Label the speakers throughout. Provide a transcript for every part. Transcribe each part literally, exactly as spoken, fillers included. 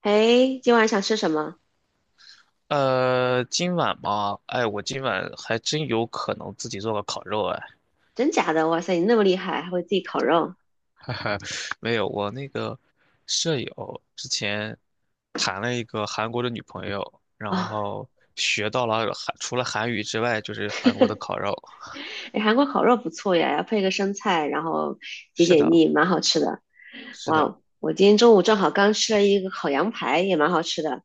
Speaker 1: 哎，今晚想吃什么？
Speaker 2: 呃，今晚嘛，哎，我今晚还真有可能自己做个烤肉，哎，
Speaker 1: 真假的？哇塞，你那么厉害，还会自己烤肉
Speaker 2: 哈哈，没有，我那个舍友之前谈了一个韩国的女朋友，然
Speaker 1: 啊？
Speaker 2: 后学到了韩，除了韩语之外，就是韩国的烤肉。
Speaker 1: 哎，韩国烤肉不错呀，要配个生菜，然后解
Speaker 2: 是
Speaker 1: 解
Speaker 2: 的，
Speaker 1: 腻，蛮好吃的。
Speaker 2: 是
Speaker 1: 哇
Speaker 2: 的。
Speaker 1: 哦我今天中午正好刚吃了一个烤羊排，也蛮好吃的。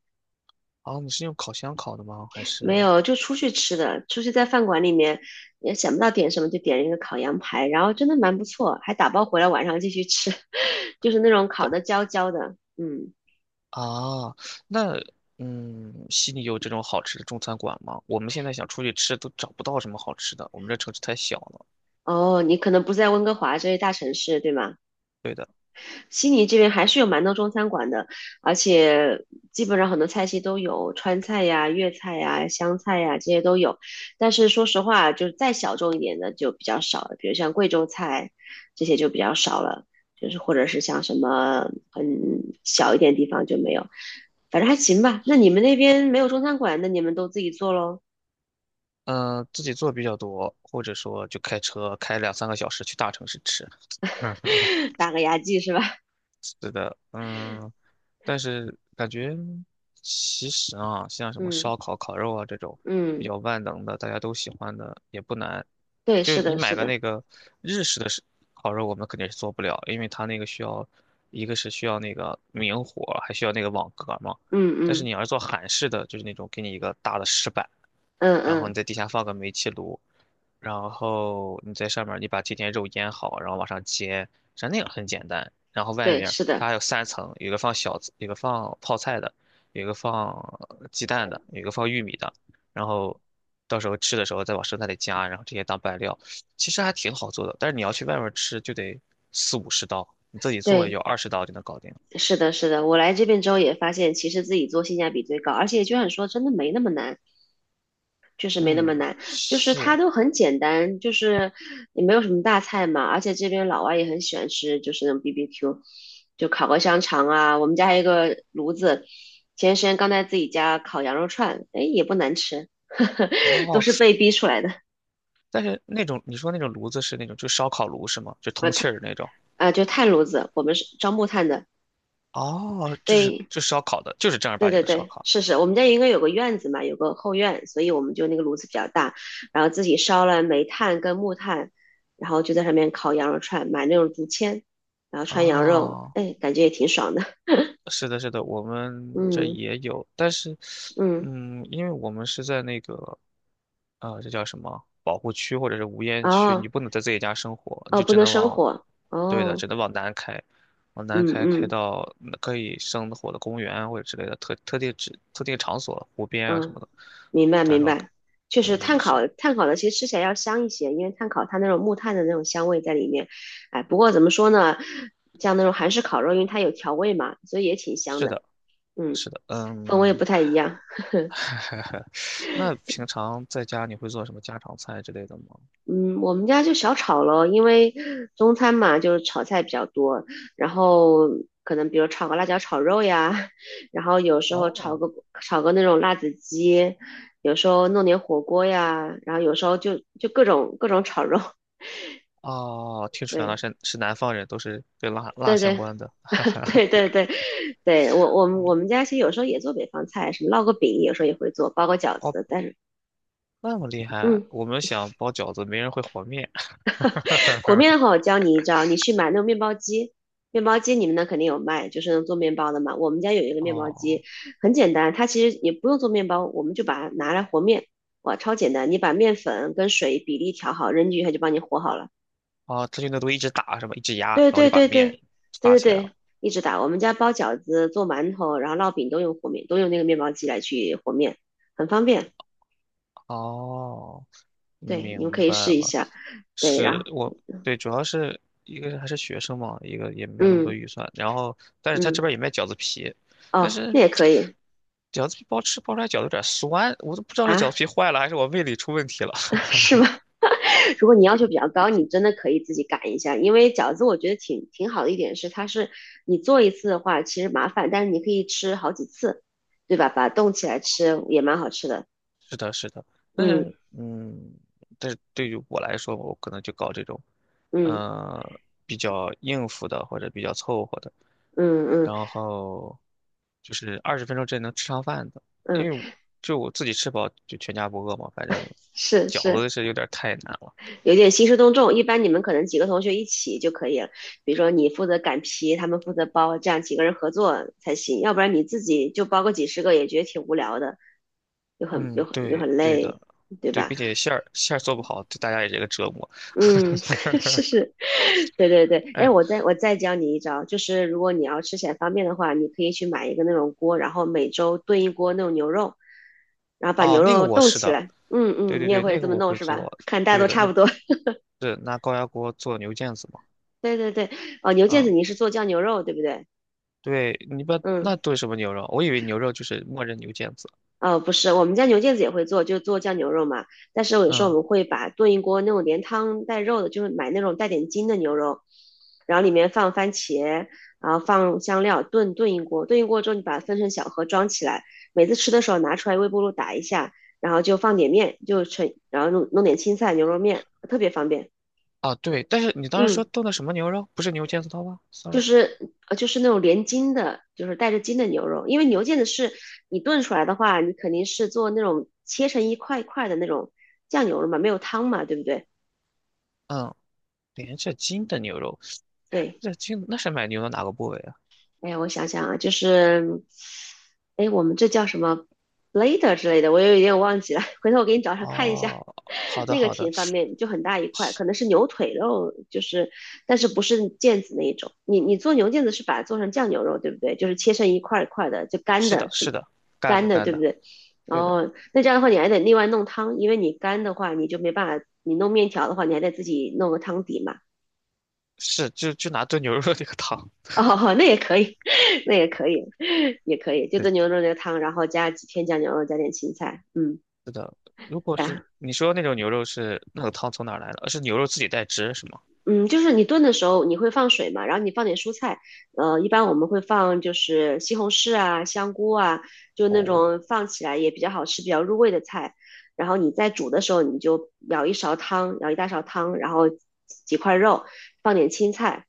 Speaker 2: 啊，你是用烤箱烤的吗？还
Speaker 1: 没
Speaker 2: 是
Speaker 1: 有，就出去吃的，出去在饭馆里面也想不到点什么，就点了一个烤羊排，然后真的蛮不错，还打包回来晚上继续吃，就是那种烤的焦焦的。嗯，
Speaker 2: 啊？那嗯，悉尼有这种好吃的中餐馆吗？我们现在想出去吃都找不到什么好吃的，我们这城市太小了。
Speaker 1: 哦，你可能不在温哥华这些大城市，对吗？
Speaker 2: 对的。
Speaker 1: 悉尼这边还是有蛮多中餐馆的，而且基本上很多菜系都有，川菜呀、粤菜呀、湘菜呀这些都有。但是说实话，就是再小众一点的就比较少了，比如像贵州菜这些就比较少了，就是或者是像什么很小一点地方就没有。反正还行吧。那你们那边没有中餐馆，那你们都自己做喽，
Speaker 2: 嗯、呃自己做比较多，或者说就开车开两三个小时去大城市吃。
Speaker 1: 打个牙祭是吧？
Speaker 2: 是的，嗯，但是感觉其实啊，像 什么
Speaker 1: 嗯
Speaker 2: 烧烤、烤肉啊这种比
Speaker 1: 嗯，
Speaker 2: 较万能的，大家都喜欢的也不难。
Speaker 1: 对，
Speaker 2: 就是
Speaker 1: 是
Speaker 2: 你
Speaker 1: 的，
Speaker 2: 买
Speaker 1: 是
Speaker 2: 个
Speaker 1: 的，
Speaker 2: 那个日式的是烤肉，我们肯定是做不了，因为它那个需要，一个是需要那个明火，还需要那个网格嘛。
Speaker 1: 嗯
Speaker 2: 但是
Speaker 1: 嗯
Speaker 2: 你要是做韩式的，就是那种给你一个大的石板，
Speaker 1: 嗯
Speaker 2: 然后你
Speaker 1: 嗯，
Speaker 2: 在底下放个煤气炉，然后你在上面儿你把这点肉腌好，然后往上煎，像那样很简单。然后外
Speaker 1: 对，
Speaker 2: 面儿
Speaker 1: 是
Speaker 2: 它
Speaker 1: 的。
Speaker 2: 还有三层，有一个放小子有一个放泡菜的，有一个放呃鸡蛋的，有一个放玉米的。然后到时候吃的时候再往生菜里加，然后这些当拌料，其实还挺好做的。但是你要去外面儿吃就得四五十刀，你自己做也
Speaker 1: 对，
Speaker 2: 就二十刀就能搞定。
Speaker 1: 是的，是的，我来这边之后也发现，其实自己做性价比最高，而且就像你说，真的没那么难，确实没那么难，
Speaker 2: 嗯，
Speaker 1: 就是它
Speaker 2: 是。
Speaker 1: 都很简单，就是也没有什么大菜嘛，而且这边老外也很喜欢吃，就是那种 B B Q，就烤个香肠啊，我们家还有一个炉子，前段时间刚在自己家烤羊肉串，哎，也不难吃，都
Speaker 2: 哦，
Speaker 1: 是被逼出来的
Speaker 2: 但是那种你说那种炉子是那种就烧烤炉是吗？就通气儿的那种。
Speaker 1: 啊，就炭炉子，我们是樟木炭的，
Speaker 2: 哦，就是
Speaker 1: 对，
Speaker 2: 就烧烤的，就是正儿
Speaker 1: 对
Speaker 2: 八经
Speaker 1: 对
Speaker 2: 的烧
Speaker 1: 对，
Speaker 2: 烤。
Speaker 1: 是是，我们家应该有个院子嘛，有个后院，所以我们就那个炉子比较大，然后自己烧了煤炭跟木炭，然后就在上面烤羊肉串，买那种竹签，然后串羊肉，
Speaker 2: 哦，
Speaker 1: 哎，感觉也挺爽的。
Speaker 2: 是的，是的，我们这
Speaker 1: 嗯
Speaker 2: 也有，但是，
Speaker 1: 嗯，
Speaker 2: 嗯，因为我们是在那个，呃，这叫什么保护区或者是无烟区，你
Speaker 1: 哦
Speaker 2: 不能在自己家生火，你
Speaker 1: 哦，
Speaker 2: 就
Speaker 1: 不
Speaker 2: 只
Speaker 1: 能
Speaker 2: 能
Speaker 1: 生
Speaker 2: 往，
Speaker 1: 火，
Speaker 2: 对的，
Speaker 1: 哦，
Speaker 2: 只能往南开，往南
Speaker 1: 嗯
Speaker 2: 开开
Speaker 1: 嗯
Speaker 2: 到嗯可以生火的公园或者之类的特特定指特定场所、湖边啊什
Speaker 1: 嗯，
Speaker 2: 么的，
Speaker 1: 明白
Speaker 2: 到时
Speaker 1: 明
Speaker 2: 候
Speaker 1: 白，确
Speaker 2: 可
Speaker 1: 实
Speaker 2: 能给
Speaker 1: 炭
Speaker 2: 你生。
Speaker 1: 烤炭烤的其实吃起来要香一些，因为炭烤它那种木炭的那种香味在里面，哎，不过怎么说呢，像那种韩式烤肉，因为它有调味嘛，所以也挺香
Speaker 2: 是
Speaker 1: 的。
Speaker 2: 的，
Speaker 1: 嗯。
Speaker 2: 是的，
Speaker 1: 氛围也
Speaker 2: 嗯，
Speaker 1: 不太一样。
Speaker 2: 那平常在家你会做什么家常菜之类的吗？
Speaker 1: 嗯，我们家就小炒咯，因为中餐嘛，就是炒菜比较多，然后可能比如炒个辣椒炒肉呀，然后有时候炒
Speaker 2: 哦，
Speaker 1: 个炒个那种辣子鸡，有时候弄点火锅呀，然后有时候就就各种各种炒肉，
Speaker 2: 啊，听出来了，
Speaker 1: 对
Speaker 2: 是是南方人，都是跟辣辣
Speaker 1: 对
Speaker 2: 相
Speaker 1: 对
Speaker 2: 关的，哈哈 哈。
Speaker 1: 对对对，对我我们
Speaker 2: 嗯
Speaker 1: 我们家其实有时候也做北方菜，什么烙个饼，有时候也会做，包个饺
Speaker 2: 哦，
Speaker 1: 子，但是
Speaker 2: 那么厉害，
Speaker 1: 嗯，
Speaker 2: 我们想包饺子，没人会和面。
Speaker 1: 和面 的话，我教你一招，你去买那种面包机，面包机你们那肯定有卖，就是能做面包的嘛。我们家有一个面包
Speaker 2: 哦，
Speaker 1: 机，很简单，它其实也不用做面包，我们就把它拿来和面，哇，超简单！你把面粉跟水比例调好，扔进去它就帮你和好了。
Speaker 2: 哦，他就那都一直打什么，一直压，然
Speaker 1: 对
Speaker 2: 后
Speaker 1: 对
Speaker 2: 就把
Speaker 1: 对对
Speaker 2: 面发
Speaker 1: 对对
Speaker 2: 起来了。
Speaker 1: 对，一直打。我们家包饺子、做馒头，然后烙饼都用和面，都用那个面包机来去和面，很方便。
Speaker 2: 哦，
Speaker 1: 对，你们
Speaker 2: 明
Speaker 1: 可以
Speaker 2: 白
Speaker 1: 试一
Speaker 2: 了。
Speaker 1: 下。对，然
Speaker 2: 是
Speaker 1: 后
Speaker 2: 我对，主要是一个是还是学生嘛，一个也没有那么多
Speaker 1: 嗯
Speaker 2: 预算。然后，但是他这
Speaker 1: 嗯
Speaker 2: 边也卖饺子皮，但
Speaker 1: 哦，
Speaker 2: 是
Speaker 1: 那也可以
Speaker 2: 饺子皮包吃包出来饺子有点酸，我都不知道是饺
Speaker 1: 啊，
Speaker 2: 子皮坏了还是我胃里出问题了。
Speaker 1: 是吗？如果你要求比较高，你真的可以自己擀一下，因为饺子我觉得挺挺好的一点是，它是你做一次的话其实麻烦，但是你可以吃好几次，对吧？把它冻起来吃也蛮好吃的。
Speaker 2: 是的，是的，但
Speaker 1: 嗯
Speaker 2: 是嗯，但是对于我来说，我可能就搞这种，
Speaker 1: 嗯
Speaker 2: 呃，比较应付的或者比较凑合的。
Speaker 1: 嗯嗯
Speaker 2: 然后就是二十分钟之内能吃上饭的，
Speaker 1: 嗯，
Speaker 2: 因为就我自己吃饱就全家不饿嘛，反正
Speaker 1: 是
Speaker 2: 饺
Speaker 1: 是，
Speaker 2: 子是有点太难了。
Speaker 1: 有点兴师动众。一般你们可能几个同学一起就可以了，比如说你负责擀皮，他们负责包，这样几个人合作才行，要不然你自己就包个几十个也觉得挺无聊的，又很又
Speaker 2: 嗯，
Speaker 1: 很又
Speaker 2: 对，
Speaker 1: 很
Speaker 2: 对的，
Speaker 1: 累，对
Speaker 2: 对，
Speaker 1: 吧？
Speaker 2: 并且馅儿馅儿做不好，对大家也是一个折磨。
Speaker 1: 嗯，是 是，对对对，哎，
Speaker 2: 哎，
Speaker 1: 我再我再教你一招，就是如果你要吃起来方便的话，你可以去买一个那种锅，然后每周炖一锅那种牛肉，然后把
Speaker 2: 哦，
Speaker 1: 牛
Speaker 2: 那个
Speaker 1: 肉
Speaker 2: 我
Speaker 1: 冻
Speaker 2: 是
Speaker 1: 起
Speaker 2: 的，
Speaker 1: 来。嗯
Speaker 2: 对
Speaker 1: 嗯，
Speaker 2: 对
Speaker 1: 你也
Speaker 2: 对，
Speaker 1: 会
Speaker 2: 那
Speaker 1: 这
Speaker 2: 个
Speaker 1: 么
Speaker 2: 我
Speaker 1: 弄
Speaker 2: 会
Speaker 1: 是吧？
Speaker 2: 做，
Speaker 1: 看大家
Speaker 2: 对
Speaker 1: 都
Speaker 2: 的，
Speaker 1: 差
Speaker 2: 那
Speaker 1: 不多。
Speaker 2: 是拿高压锅做牛腱子嘛，
Speaker 1: 对对对，哦，牛腱子
Speaker 2: 啊、
Speaker 1: 你是做酱牛肉对不对？
Speaker 2: 对，你把那
Speaker 1: 嗯。
Speaker 2: 炖什么牛肉？我以为牛肉就是默认牛腱子，
Speaker 1: 呃，不是，我们家牛腱子也会做，就做酱牛肉嘛。但是有时候我
Speaker 2: 嗯，
Speaker 1: 们会把炖一锅那种连汤带肉的，就是买那种带点筋的牛肉，然后里面放番茄，然后放香料炖炖一锅，炖一锅之后你把它分成小盒装起来，每次吃的时候拿出来微波炉打一下，然后就放点面，就成，然后弄弄点青菜牛肉面，特别方便。
Speaker 2: 啊，对，但是你当时
Speaker 1: 嗯。
Speaker 2: 说炖的什么牛肉？不是牛腱子汤吗
Speaker 1: 就
Speaker 2: ？sorry,
Speaker 1: 是呃就是那种连筋的，就是带着筋的牛肉，因为牛腱子是你炖出来的话，你肯定是做那种切成一块一块的那种酱牛肉嘛，没有汤嘛，对不对？
Speaker 2: 嗯。连着筋的牛肉，哎
Speaker 1: 对。
Speaker 2: 这筋那是买牛的哪个部位啊？
Speaker 1: 哎呀，我想想啊，就是，哎，我们这叫什么 blader 之类的，我有点忘记了，回头我给你找找看一下。
Speaker 2: 哦，好 的
Speaker 1: 那个
Speaker 2: 好的，
Speaker 1: 挺方便，就很大一块，
Speaker 2: 是
Speaker 1: 可能是牛腿肉，就是，但是不是腱子那一种。你你做牛腱子是把它做成酱牛肉，对不对？就是切成一块儿一块儿的，就干
Speaker 2: 是
Speaker 1: 的
Speaker 2: 的
Speaker 1: 是吗
Speaker 2: 是的，干
Speaker 1: 干
Speaker 2: 的
Speaker 1: 的，
Speaker 2: 干
Speaker 1: 对不
Speaker 2: 的，
Speaker 1: 对？
Speaker 2: 对的，
Speaker 1: 哦，那这样的话你还得另外弄汤，因为你干的话你就没办法，你弄面条的话你还得自己弄个汤底嘛。
Speaker 2: 是就就拿炖牛肉那个汤，
Speaker 1: 哦，那也可以，那也可以，也可以，就
Speaker 2: 对，
Speaker 1: 炖牛肉那个汤，然后加几片酱牛肉，加点青菜，嗯，
Speaker 2: 是的。如果是
Speaker 1: 来。
Speaker 2: 你说那种牛肉是那个汤从哪儿来的？呃是牛肉自己带汁是吗？
Speaker 1: 嗯，就是你炖的时候你会放水嘛，然后你放点蔬菜，呃，一般我们会放就是西红柿啊、香菇啊，就那
Speaker 2: 哦，
Speaker 1: 种放起来也比较好吃、比较入味的菜。然后你在煮的时候，你就舀一勺汤，舀一大勺汤，然后几块肉，放点青菜，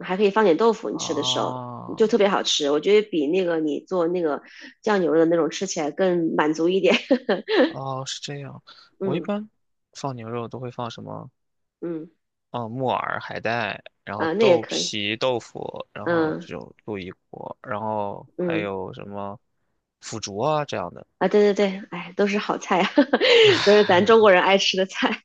Speaker 1: 还可以放点豆腐。你吃的时候
Speaker 2: 啊，
Speaker 1: 就特别好吃，我觉得比那个你做那个酱牛肉的那种吃起来更满足一点。
Speaker 2: 哦，是这样。我一
Speaker 1: 嗯
Speaker 2: 般放牛肉都会放什么？
Speaker 1: 嗯
Speaker 2: 哦，木耳、海带，然后
Speaker 1: 啊，那也
Speaker 2: 豆
Speaker 1: 可以。
Speaker 2: 皮、豆腐，然后
Speaker 1: 嗯
Speaker 2: 这种鹿一锅，然后还
Speaker 1: 嗯。
Speaker 2: 有什么腐竹啊这样的，
Speaker 1: 啊，对对对，哎，都是好菜啊，都是咱中国人爱吃的菜。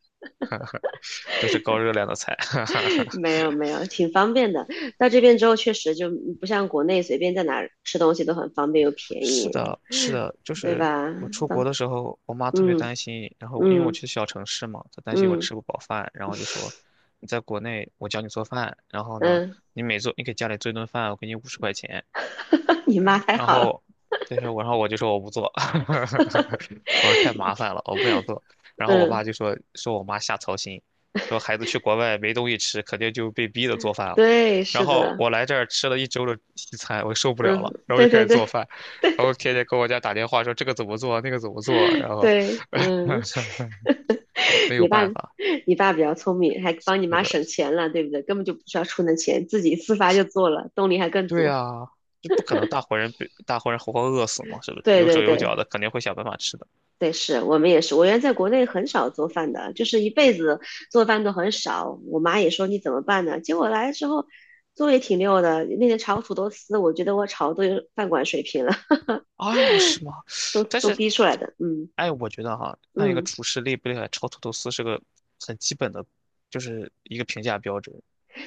Speaker 2: 都是高热量的菜。哈哈 哈。
Speaker 1: 没有没有，挺方便的。到这边之后，确实就不像国内随便在哪儿吃东西都很方便又便
Speaker 2: 是
Speaker 1: 宜，
Speaker 2: 的，是的，就
Speaker 1: 对
Speaker 2: 是
Speaker 1: 吧？
Speaker 2: 我出国
Speaker 1: 到，
Speaker 2: 的时候，我妈特别
Speaker 1: 嗯
Speaker 2: 担心，然后因为我
Speaker 1: 嗯
Speaker 2: 去小城市嘛，她担心我
Speaker 1: 嗯
Speaker 2: 吃不饱饭，然后就说你在国内我教你做饭，然后呢，
Speaker 1: 嗯，
Speaker 2: 你每做你给家里做一顿饭，我给你五十块钱，
Speaker 1: 你妈太
Speaker 2: 然
Speaker 1: 好了，
Speaker 2: 后那是我然后我就说我不做，我说太麻 烦了，我不想做。然后我
Speaker 1: 嗯，
Speaker 2: 爸就说说我妈瞎操心，说孩子去国外没东西吃，肯定就被逼的做饭了。
Speaker 1: 对，
Speaker 2: 然
Speaker 1: 是
Speaker 2: 后
Speaker 1: 的，
Speaker 2: 我来这儿吃了一周的西餐，我受不了
Speaker 1: 嗯，
Speaker 2: 了，然后
Speaker 1: 对
Speaker 2: 就开
Speaker 1: 对
Speaker 2: 始
Speaker 1: 对
Speaker 2: 做饭，然后天天给我家打电话说这个怎么做，那个怎么做，然后
Speaker 1: 对，嗯，
Speaker 2: 没 有
Speaker 1: 你爸
Speaker 2: 办法，
Speaker 1: 你爸比较聪明，还
Speaker 2: 是
Speaker 1: 帮你妈
Speaker 2: 的，
Speaker 1: 省钱了，对不对？根本就不需要出那钱，自己自发就做了，动力还更
Speaker 2: 对
Speaker 1: 足。
Speaker 2: 啊。这不可能，大活人被大活人活活饿死 嘛，是不是？
Speaker 1: 对
Speaker 2: 有
Speaker 1: 对
Speaker 2: 手有
Speaker 1: 对，
Speaker 2: 脚的，肯定会想办法吃的。
Speaker 1: 对，是我们也是。我原来在国内很少做饭的，就是一辈子做饭都很少。我妈也说你怎么办呢？结果来之后做也挺溜的。那天炒土豆丝，我觉得我炒都有饭馆水平了，
Speaker 2: 哎呦，是吗？
Speaker 1: 都
Speaker 2: 但
Speaker 1: 都
Speaker 2: 是
Speaker 1: 逼出来的。嗯
Speaker 2: 哎，我觉得哈，看一个
Speaker 1: 嗯，
Speaker 2: 厨师厉不厉害，炒土豆丝是个很基本的，就是一个评价标准。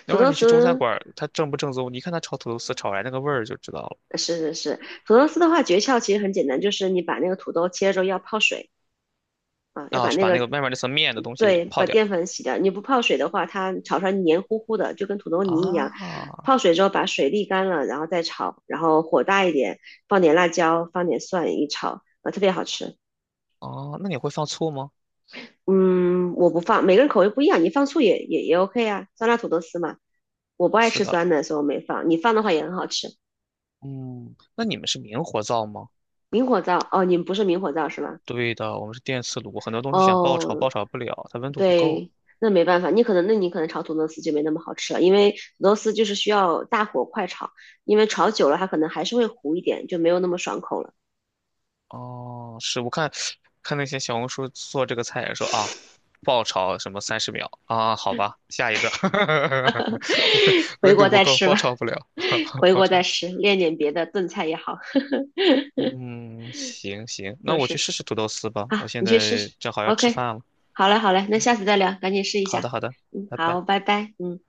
Speaker 2: 要
Speaker 1: 土
Speaker 2: 不然
Speaker 1: 豆
Speaker 2: 你去中餐
Speaker 1: 丝
Speaker 2: 馆儿，他正不正宗，你看他炒土豆丝炒出来那个味儿就知道了。
Speaker 1: 呃是是是，土豆丝的话诀窍其实很简单，就是你把那个土豆切了之后要泡水啊，要
Speaker 2: 然后
Speaker 1: 把
Speaker 2: 去
Speaker 1: 那
Speaker 2: 把那
Speaker 1: 个
Speaker 2: 个外面那层面的东西
Speaker 1: 对，
Speaker 2: 泡
Speaker 1: 把
Speaker 2: 掉。
Speaker 1: 淀粉洗掉。你不泡水的话，它炒出来黏糊糊的，就跟土豆泥一样。泡
Speaker 2: 啊，
Speaker 1: 水之后把水沥干了，然后再炒，然后火大一点，放点辣椒，放点蒜一炒，啊，特别好吃。
Speaker 2: 哦，那你会放醋吗？
Speaker 1: 嗯，我不放，每个人口味不一样，你放醋也也也 OK 啊，酸辣土豆丝嘛。我不爱
Speaker 2: 是
Speaker 1: 吃
Speaker 2: 的，
Speaker 1: 酸的，所以我没放。你放的话也很好吃。
Speaker 2: 嗯，那你们是明火灶吗？
Speaker 1: 明火灶，哦，你们不是明火灶是吧？
Speaker 2: 对的，我们是电磁炉，很多东西想爆炒
Speaker 1: 哦，
Speaker 2: 爆炒不了，它温度不够。
Speaker 1: 对，那没办法，你可能那你可能炒土豆丝就没那么好吃了，因为土豆丝就是需要大火快炒，因为炒久了它可能还是会糊一点，就没有那么爽口了。
Speaker 2: 哦，是我看看那些小红书做这个菜也说啊，爆炒什么三十秒啊，好吧，下一个，
Speaker 1: 回
Speaker 2: 温
Speaker 1: 国
Speaker 2: 度不
Speaker 1: 再
Speaker 2: 够，
Speaker 1: 吃
Speaker 2: 爆
Speaker 1: 吧，
Speaker 2: 炒不了，
Speaker 1: 回
Speaker 2: 爆
Speaker 1: 国再
Speaker 2: 炒。
Speaker 1: 吃，练点别的炖菜也好。
Speaker 2: 嗯，行行，那
Speaker 1: 就
Speaker 2: 我去
Speaker 1: 是
Speaker 2: 试试土豆丝吧，我
Speaker 1: 啊，
Speaker 2: 现
Speaker 1: 你去试
Speaker 2: 在
Speaker 1: 试。
Speaker 2: 正好要吃
Speaker 1: OK，
Speaker 2: 饭了。
Speaker 1: 好嘞好嘞，那下次再聊，赶紧试一
Speaker 2: 好
Speaker 1: 下。
Speaker 2: 的好的，
Speaker 1: 嗯，
Speaker 2: 拜
Speaker 1: 好，
Speaker 2: 拜。
Speaker 1: 拜拜，嗯。